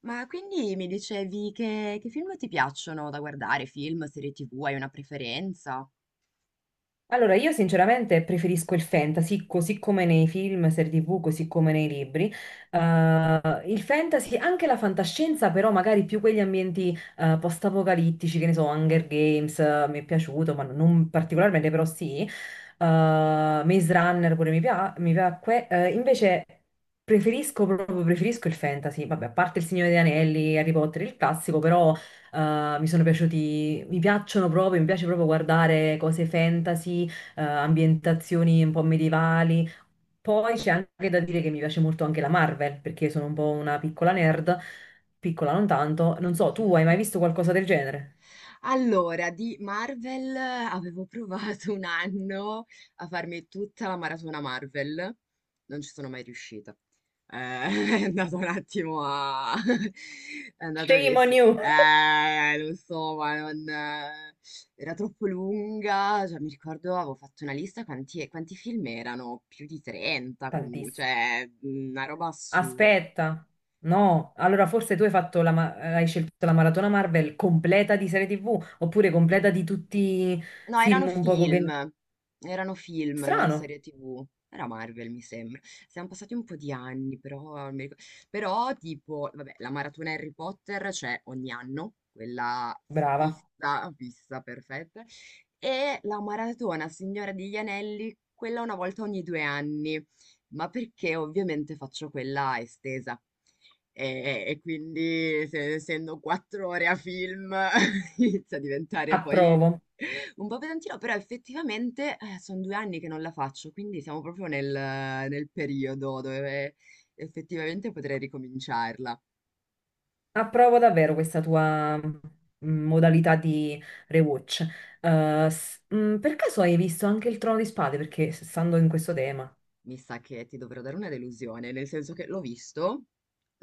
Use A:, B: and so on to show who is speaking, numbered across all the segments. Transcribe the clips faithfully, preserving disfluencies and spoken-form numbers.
A: Ma quindi mi dicevi che, che film ti piacciono da guardare? Film, serie tivù, hai una preferenza?
B: Allora, io sinceramente preferisco il fantasy, così come nei film, serie ti vu, così come nei libri. Eh, il fantasy, anche la fantascienza, però magari più quegli ambienti eh, post-apocalittici, che ne so, Hunger Games, eh, mi è piaciuto, ma non particolarmente, però sì. Eh, Maze Runner pure mi, pia- mi piacque. Eh, invece preferisco proprio, preferisco il fantasy, vabbè, a parte Il Signore degli Anelli, Harry Potter, il classico, però... Uh, mi sono piaciuti, mi piacciono proprio, mi piace proprio guardare cose fantasy, eh, ambientazioni un po' medievali. Poi c'è anche da dire che mi piace molto anche la Marvel, perché sono un po' una piccola nerd, piccola non tanto. Non so, tu hai mai visto qualcosa del genere?
A: Allora, di Marvel eh, avevo provato un anno a farmi tutta la maratona Marvel, non ci sono mai riuscita. Eh, è andato un attimo a... è andato a...
B: Shame on
A: sì.
B: you!
A: Eh, lo so, ma non... eh, era troppo lunga, cioè, mi ricordo avevo fatto una lista quanti, quanti film erano, più di trenta comunque,
B: Tantissimo.
A: cioè mm, una roba assurda.
B: Aspetta, no, allora forse tu hai fatto la ma- hai scelto la maratona Marvel completa di serie ti vu, oppure completa di tutti i
A: No, erano
B: film un poco che...
A: film, erano film, non
B: Strano,
A: serie tivù. Era Marvel, mi sembra. Siamo passati un po' di anni, però, non mi ricordo. Però, tipo, vabbè, la maratona Harry Potter c'è ogni anno, quella
B: brava,
A: fissa, fissa, perfetta. E la maratona Signora degli Anelli, quella una volta ogni due anni, ma perché ovviamente faccio quella estesa. E, e quindi, se- essendo quattro ore a film, inizia a diventare poi
B: approvo.
A: un po' pesantino, però effettivamente sono due anni che non la faccio, quindi siamo proprio nel nel periodo dove effettivamente potrei ricominciarla.
B: Approvo davvero questa tua mm, modalità di rewatch. Eh, s- mm, per caso hai visto anche il Trono di Spade? Perché s- stando in questo tema.
A: Mi sa che ti dovrò dare una delusione, nel senso che l'ho visto,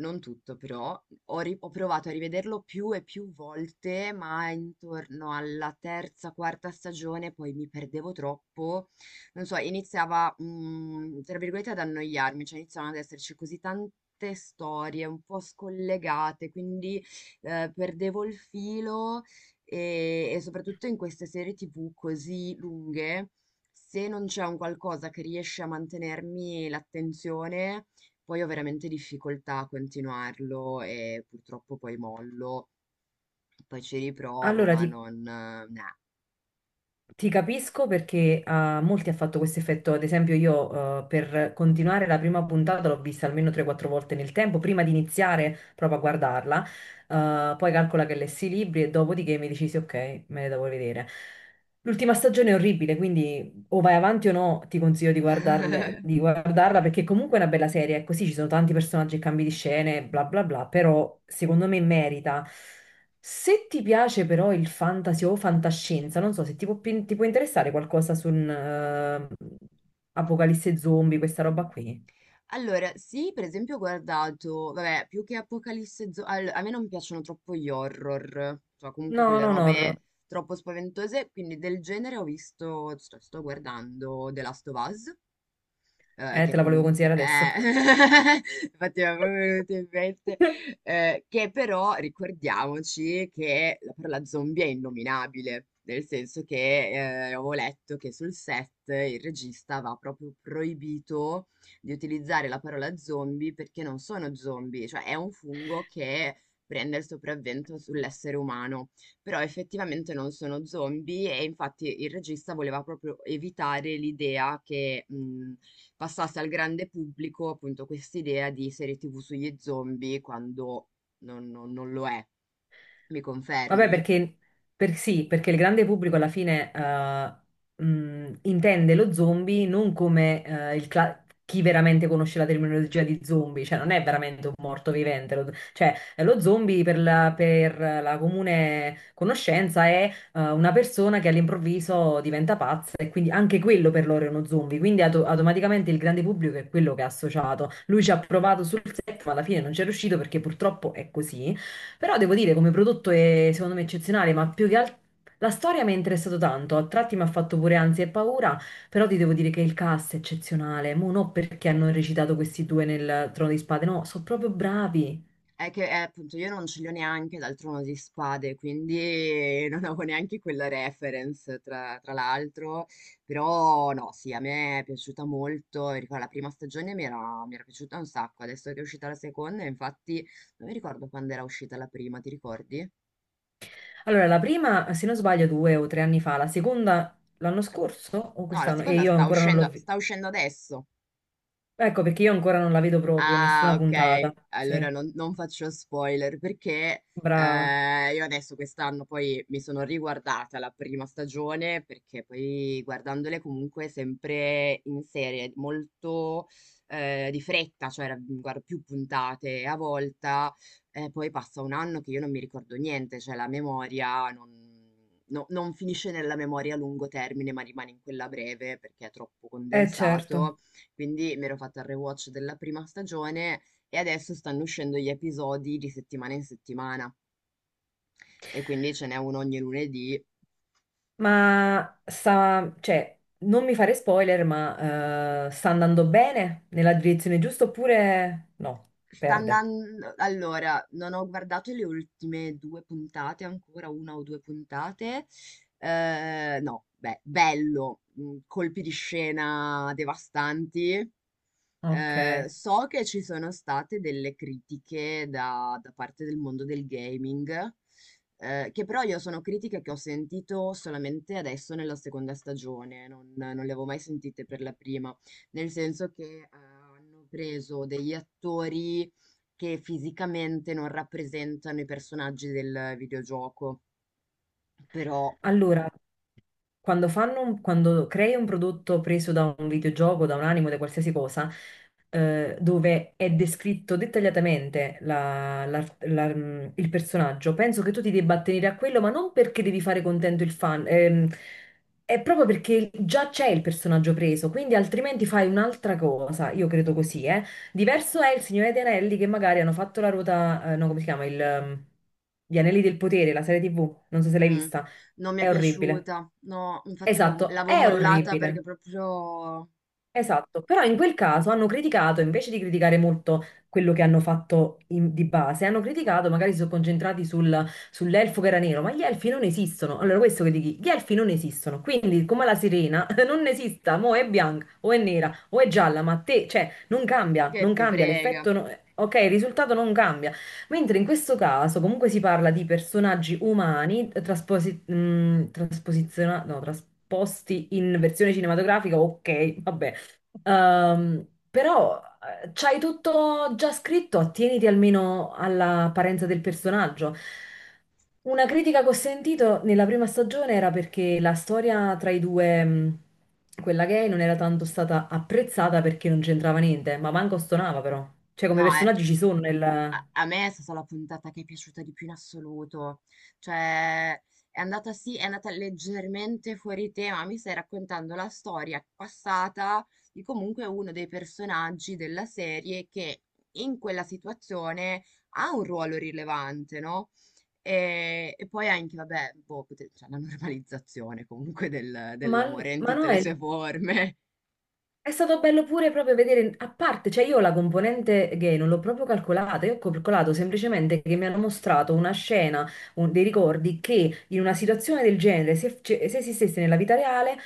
A: non tutto però, ho, ri- ho provato a rivederlo più e più volte, ma intorno alla terza, quarta stagione poi mi perdevo troppo, non so, iniziava, mm, tra virgolette, ad annoiarmi, cioè iniziavano ad esserci così tante storie un po' scollegate, quindi eh, perdevo il filo e e soprattutto in queste serie T V così lunghe se non c'è un qualcosa che riesce a mantenermi l'attenzione, poi ho veramente difficoltà a continuarlo e purtroppo poi mollo, poi ci riprovo,
B: Allora
A: ma
B: ti,
A: non... eh, nah.
B: Ti capisco perché a molti ha fatto questo effetto, ad esempio io eh, per continuare la prima puntata l'ho vista almeno tre o quattro volte nel tempo, prima di iniziare proprio a guardarla. Eh, poi calcola che lessi i libri e dopodiché mi decisi ok, me le devo vedere. L'ultima stagione è orribile, quindi o vai avanti o no, ti consiglio di guardarle- di guardarla perché comunque è una bella serie, è così, ci sono tanti personaggi e cambi di scene, bla bla bla, però secondo me merita. Se ti piace però il fantasy o fantascienza, non so se ti può, pi- ti può interessare qualcosa su un eh, Apocalisse zombie, questa roba qui.
A: Allora, sì, per esempio ho guardato, vabbè, più che Apocalisse Zo- all- a me non piacciono troppo gli horror, cioè comunque
B: No,
A: quelle
B: non
A: robe
B: horror.
A: troppo spaventose, quindi del genere ho visto, sto, sto guardando The Last of Us. Ehm,
B: Eh,
A: che
B: te la volevo
A: comunque
B: consigliare adesso.
A: eh, infatti mi era proprio venuto in mente, ehm, che però ricordiamoci che la parola zombie è innominabile, nel senso che, ehm, avevo letto che sul set il regista aveva proprio proibito di utilizzare la parola zombie perché non sono zombie, cioè è un fungo che prende il sopravvento sull'essere umano, però effettivamente non sono zombie e infatti il regista voleva proprio evitare l'idea che mh, passasse al grande pubblico appunto quest'idea di serie T V sugli zombie quando non, non- non lo è. Mi
B: Vabbè,
A: confermi?
B: perché, per- sì, perché il grande pubblico alla fine eh, mh, intende lo zombie non come eh, il cla- chi veramente conosce la terminologia di zombie, cioè non è veramente un morto vivente, lo- cioè lo zombie per la, per la comune conoscenza è eh, una persona che all'improvviso diventa pazza e quindi anche quello per loro è uno zombie, quindi auto- automaticamente il grande pubblico è quello che ha associato. Lui ci ha provato sul set, ma alla fine non ci è riuscito perché purtroppo è così. Però devo dire, come prodotto è secondo me eccezionale, ma più che altro la storia mi è interessato tanto, a tratti mi ha fatto pure ansia e paura, però ti devo dire che il cast è eccezionale, mo non perché hanno recitato questi due nel Trono di Spade, no, sono proprio bravi.
A: È che, eh, appunto, io non ce li ho neanche dal Trono di Spade, quindi non avevo neanche quella reference, tra, tra l'altro. Però, no, sì, a me è piaciuta molto. E ricordo, la prima stagione mi era, mi era piaciuta un sacco. Adesso che è uscita la seconda, infatti, non mi ricordo quando era uscita la prima, ti ricordi?
B: Allora, la prima, se non sbaglio, due o tre anni fa, la seconda l'anno
A: Ad-
B: scorso o
A: No, la
B: quest'anno? E
A: seconda
B: io
A: sta
B: ancora non l'ho
A: uscendo,
B: vista.
A: sta uscendo adesso.
B: Ecco, perché io ancora non la vedo proprio,
A: Ah,
B: nessuna puntata.
A: ok.
B: Sì,
A: Allora non, non faccio spoiler perché
B: brava.
A: eh, io adesso quest'anno poi mi sono riguardata la prima stagione perché poi guardandole comunque sempre in serie, molto eh, di fretta, cioè ra- guardo più puntate a volta, eh, poi passa un anno che io non mi ricordo niente, cioè la memoria non, no- non finisce nella memoria a lungo termine, ma rimane in quella breve perché è troppo
B: Eh certo.
A: condensato. Quindi mi ero fatta il rewatch della prima stagione e adesso stanno uscendo gli episodi di settimana in settimana e quindi ce n'è uno ogni lunedì.
B: Ma sta, cioè, non mi fare spoiler, ma eh, sta andando bene nella direzione giusta oppure no?
A: Sta
B: Perde.
A: andando allora, non ho guardato le ultime due puntate ancora, una o due puntate. Ehm, no, beh, bello, mm, colpi di scena devastanti.
B: Ok.
A: Eh, so che ci sono state delle critiche da, da parte del mondo del gaming, eh, che però io sono critiche che ho sentito solamente adesso nella seconda stagione, non, non le avevo mai sentite per la prima, nel senso che eh, hanno preso degli attori che fisicamente non rappresentano i personaggi del videogioco, però
B: Allora, quando fanno un- quando crei un prodotto preso da un videogioco, da un anime, da qualsiasi cosa, eh, dove è descritto dettagliatamente la- la- la- mm, il personaggio, penso che tu ti debba attenere a quello, ma non perché devi fare contento il fan, ehm, è proprio perché già c'è il personaggio preso, quindi altrimenti fai un'altra cosa, io credo così, eh. Diverso è il Signore degli Anelli che magari hanno fatto la ruota, eh, no, come si chiama, il, ehm, Gli Anelli del Potere, la serie ti vu, non so se l'hai
A: mm,
B: vista.
A: non mi è
B: È orribile.
A: piaciuta, no, infatti avevo-
B: Esatto, è
A: l'avevo
B: vero.
A: mollata
B: Orribile.
A: perché proprio
B: Esatto, però in quel caso hanno criticato, invece di criticare molto quello che hanno fatto in- di base, hanno criticato, magari si sono concentrati sul- sull'elfo che era nero, ma gli elfi non esistono. Allora, questo che dici, gli elfi non esistono, quindi come la sirena non esista, mo è bianca o è nera o è gialla, ma te, cioè, non cambia,
A: che
B: non
A: te
B: cambia,
A: frega.
B: l'effetto, no- ok, il risultato non cambia. Mentre in questo caso comunque si parla di personaggi umani eh, trasposi- mh, trasposiziona- no, trasposti in versione cinematografica, ok, vabbè. Ehm, però eh, c'hai tutto già scritto, attieniti almeno all'apparenza del personaggio. Una critica che ho sentito nella prima stagione era perché la storia tra i due, mh, quella gay, non era tanto stata apprezzata perché non c'entrava niente, ma manco stonava però. Cioè come
A: No, è,
B: personaggi ci sono nel...
A: A a me è stata la puntata che è piaciuta di più in assoluto. Cioè, è andata sì, è andata leggermente fuori tema. Mi stai raccontando la storia passata di comunque uno dei personaggi della serie che in quella situazione ha un ruolo rilevante, no? E, e poi anche, vabbè, boh, pote- cioè, la normalizzazione comunque del-
B: Ma,
A: dell'amore in
B: ma no,
A: tutte le
B: è
A: sue forme.
B: È stato bello pure proprio vedere, a parte, cioè io la componente gay non l'ho proprio calcolata, io ho calcolato semplicemente che mi hanno mostrato una scena, un- dei ricordi che in una situazione del genere, se, ce- se esistesse nella vita reale,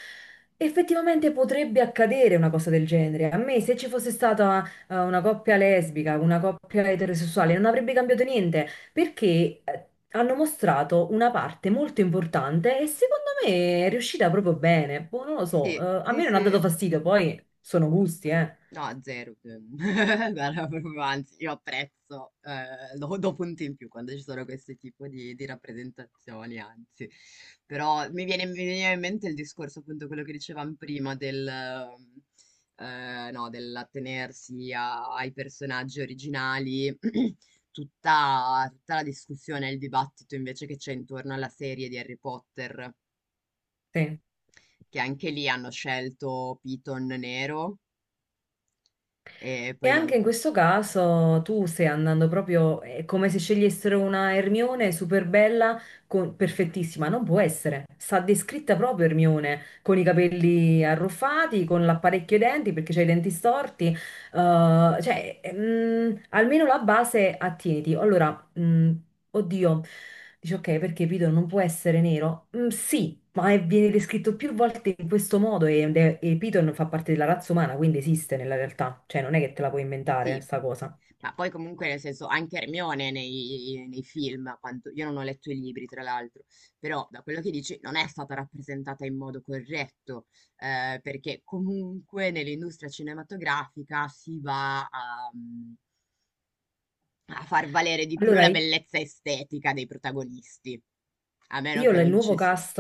B: effettivamente potrebbe accadere una cosa del genere. A me se ci fosse stata eh, una coppia lesbica, una coppia eterosessuale, non avrebbe cambiato niente perché eh, hanno mostrato una parte molto importante e secondo me è riuscita proprio bene. Boh, non lo so,
A: Sì,
B: eh, a
A: sì,
B: me non ha dato
A: sì.
B: fastidio, poi sono gusti, eh.
A: No, zero. ehm, Guarda, proprio, anzi, io apprezzo, eh, do, do punti in più quando ci sono questo tipo di, di rappresentazioni, anzi. Però mi viene, mi veniva in mente il discorso, appunto, quello che dicevamo prima del, ehm, eh, no, dell'attenersi a- ai personaggi originali, tutta, tutta la discussione e il dibattito invece che c'è intorno alla serie di Harry Potter,
B: Sì.
A: che anche lì hanno scelto Piton nero e
B: E
A: poi
B: anche in
A: non...
B: questo caso tu stai andando proprio, è come se scegliessero una Hermione super bella, con- perfettissima, non può essere. Sta descritta proprio Hermione, con i capelli arruffati, con l'apparecchio ai denti perché c'ha i denti storti, eh, cioè, mm, almeno la base attieniti. Allora, mm, oddio, dice ok, perché Piton non può essere nero? Mm, sì, ma è- viene descritto più volte in questo modo e, ed è- e Piton fa parte della razza umana, quindi esiste nella realtà, cioè non è che te la puoi inventare
A: Sì.
B: sta cosa.
A: Ma poi comunque nel senso anche Hermione nei, nei film, a quanto, io non ho letto i libri tra l'altro, però da quello che dici non è stata rappresentata in modo corretto, eh, perché comunque nell'industria cinematografica si va a, mm, a far valere di più
B: Allora,
A: la bellezza estetica dei protagonisti, a meno
B: Io
A: che
B: la- il
A: non
B: nuovo
A: ci si...
B: cast,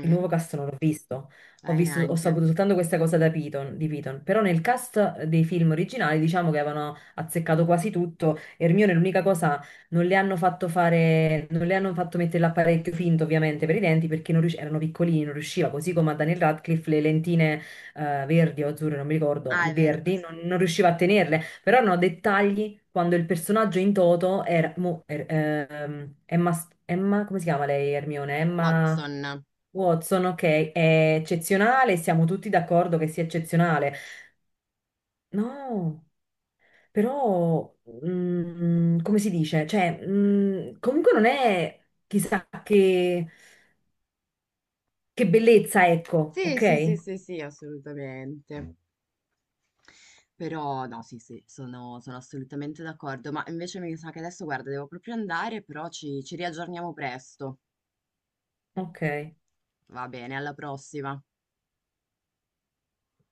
B: il nuovo cast non l'ho visto, ho
A: Eh,
B: visto, ho
A: neanche.
B: saputo soltanto questa cosa da Piton, di Piton, però nel cast dei film originali diciamo che avevano azzeccato quasi tutto, Hermione l'unica cosa, non le hanno fatto fare, non le hanno fatto mettere l'apparecchio finto ovviamente per i denti perché non rius- erano piccolini, non riusciva, così come a Daniel Radcliffe le lentine eh, verdi o azzurre, non mi ricordo,
A: Ah, è vero,
B: verdi,
A: per-
B: non non riusciva a tenerle. Però hanno dettagli quando il personaggio in toto era... mo- er- ehm, Emma, S- Emma- come si chiama lei, Hermione? Emma
A: Watson.
B: Watson, ok, è eccezionale, siamo tutti d'accordo che sia eccezionale. No, però... mm, come si dice? Cioè, mm, comunque non è chissà che, che bellezza, ecco,
A: Sì,
B: ok?
A: sì, sì, sì, sì, assolutamente. Però no, sì, sì, sono sono assolutamente d'accordo. Ma invece mi sa che adesso, guarda, devo proprio andare, però ci ci riaggiorniamo presto.
B: Ok.
A: Va bene, alla prossima.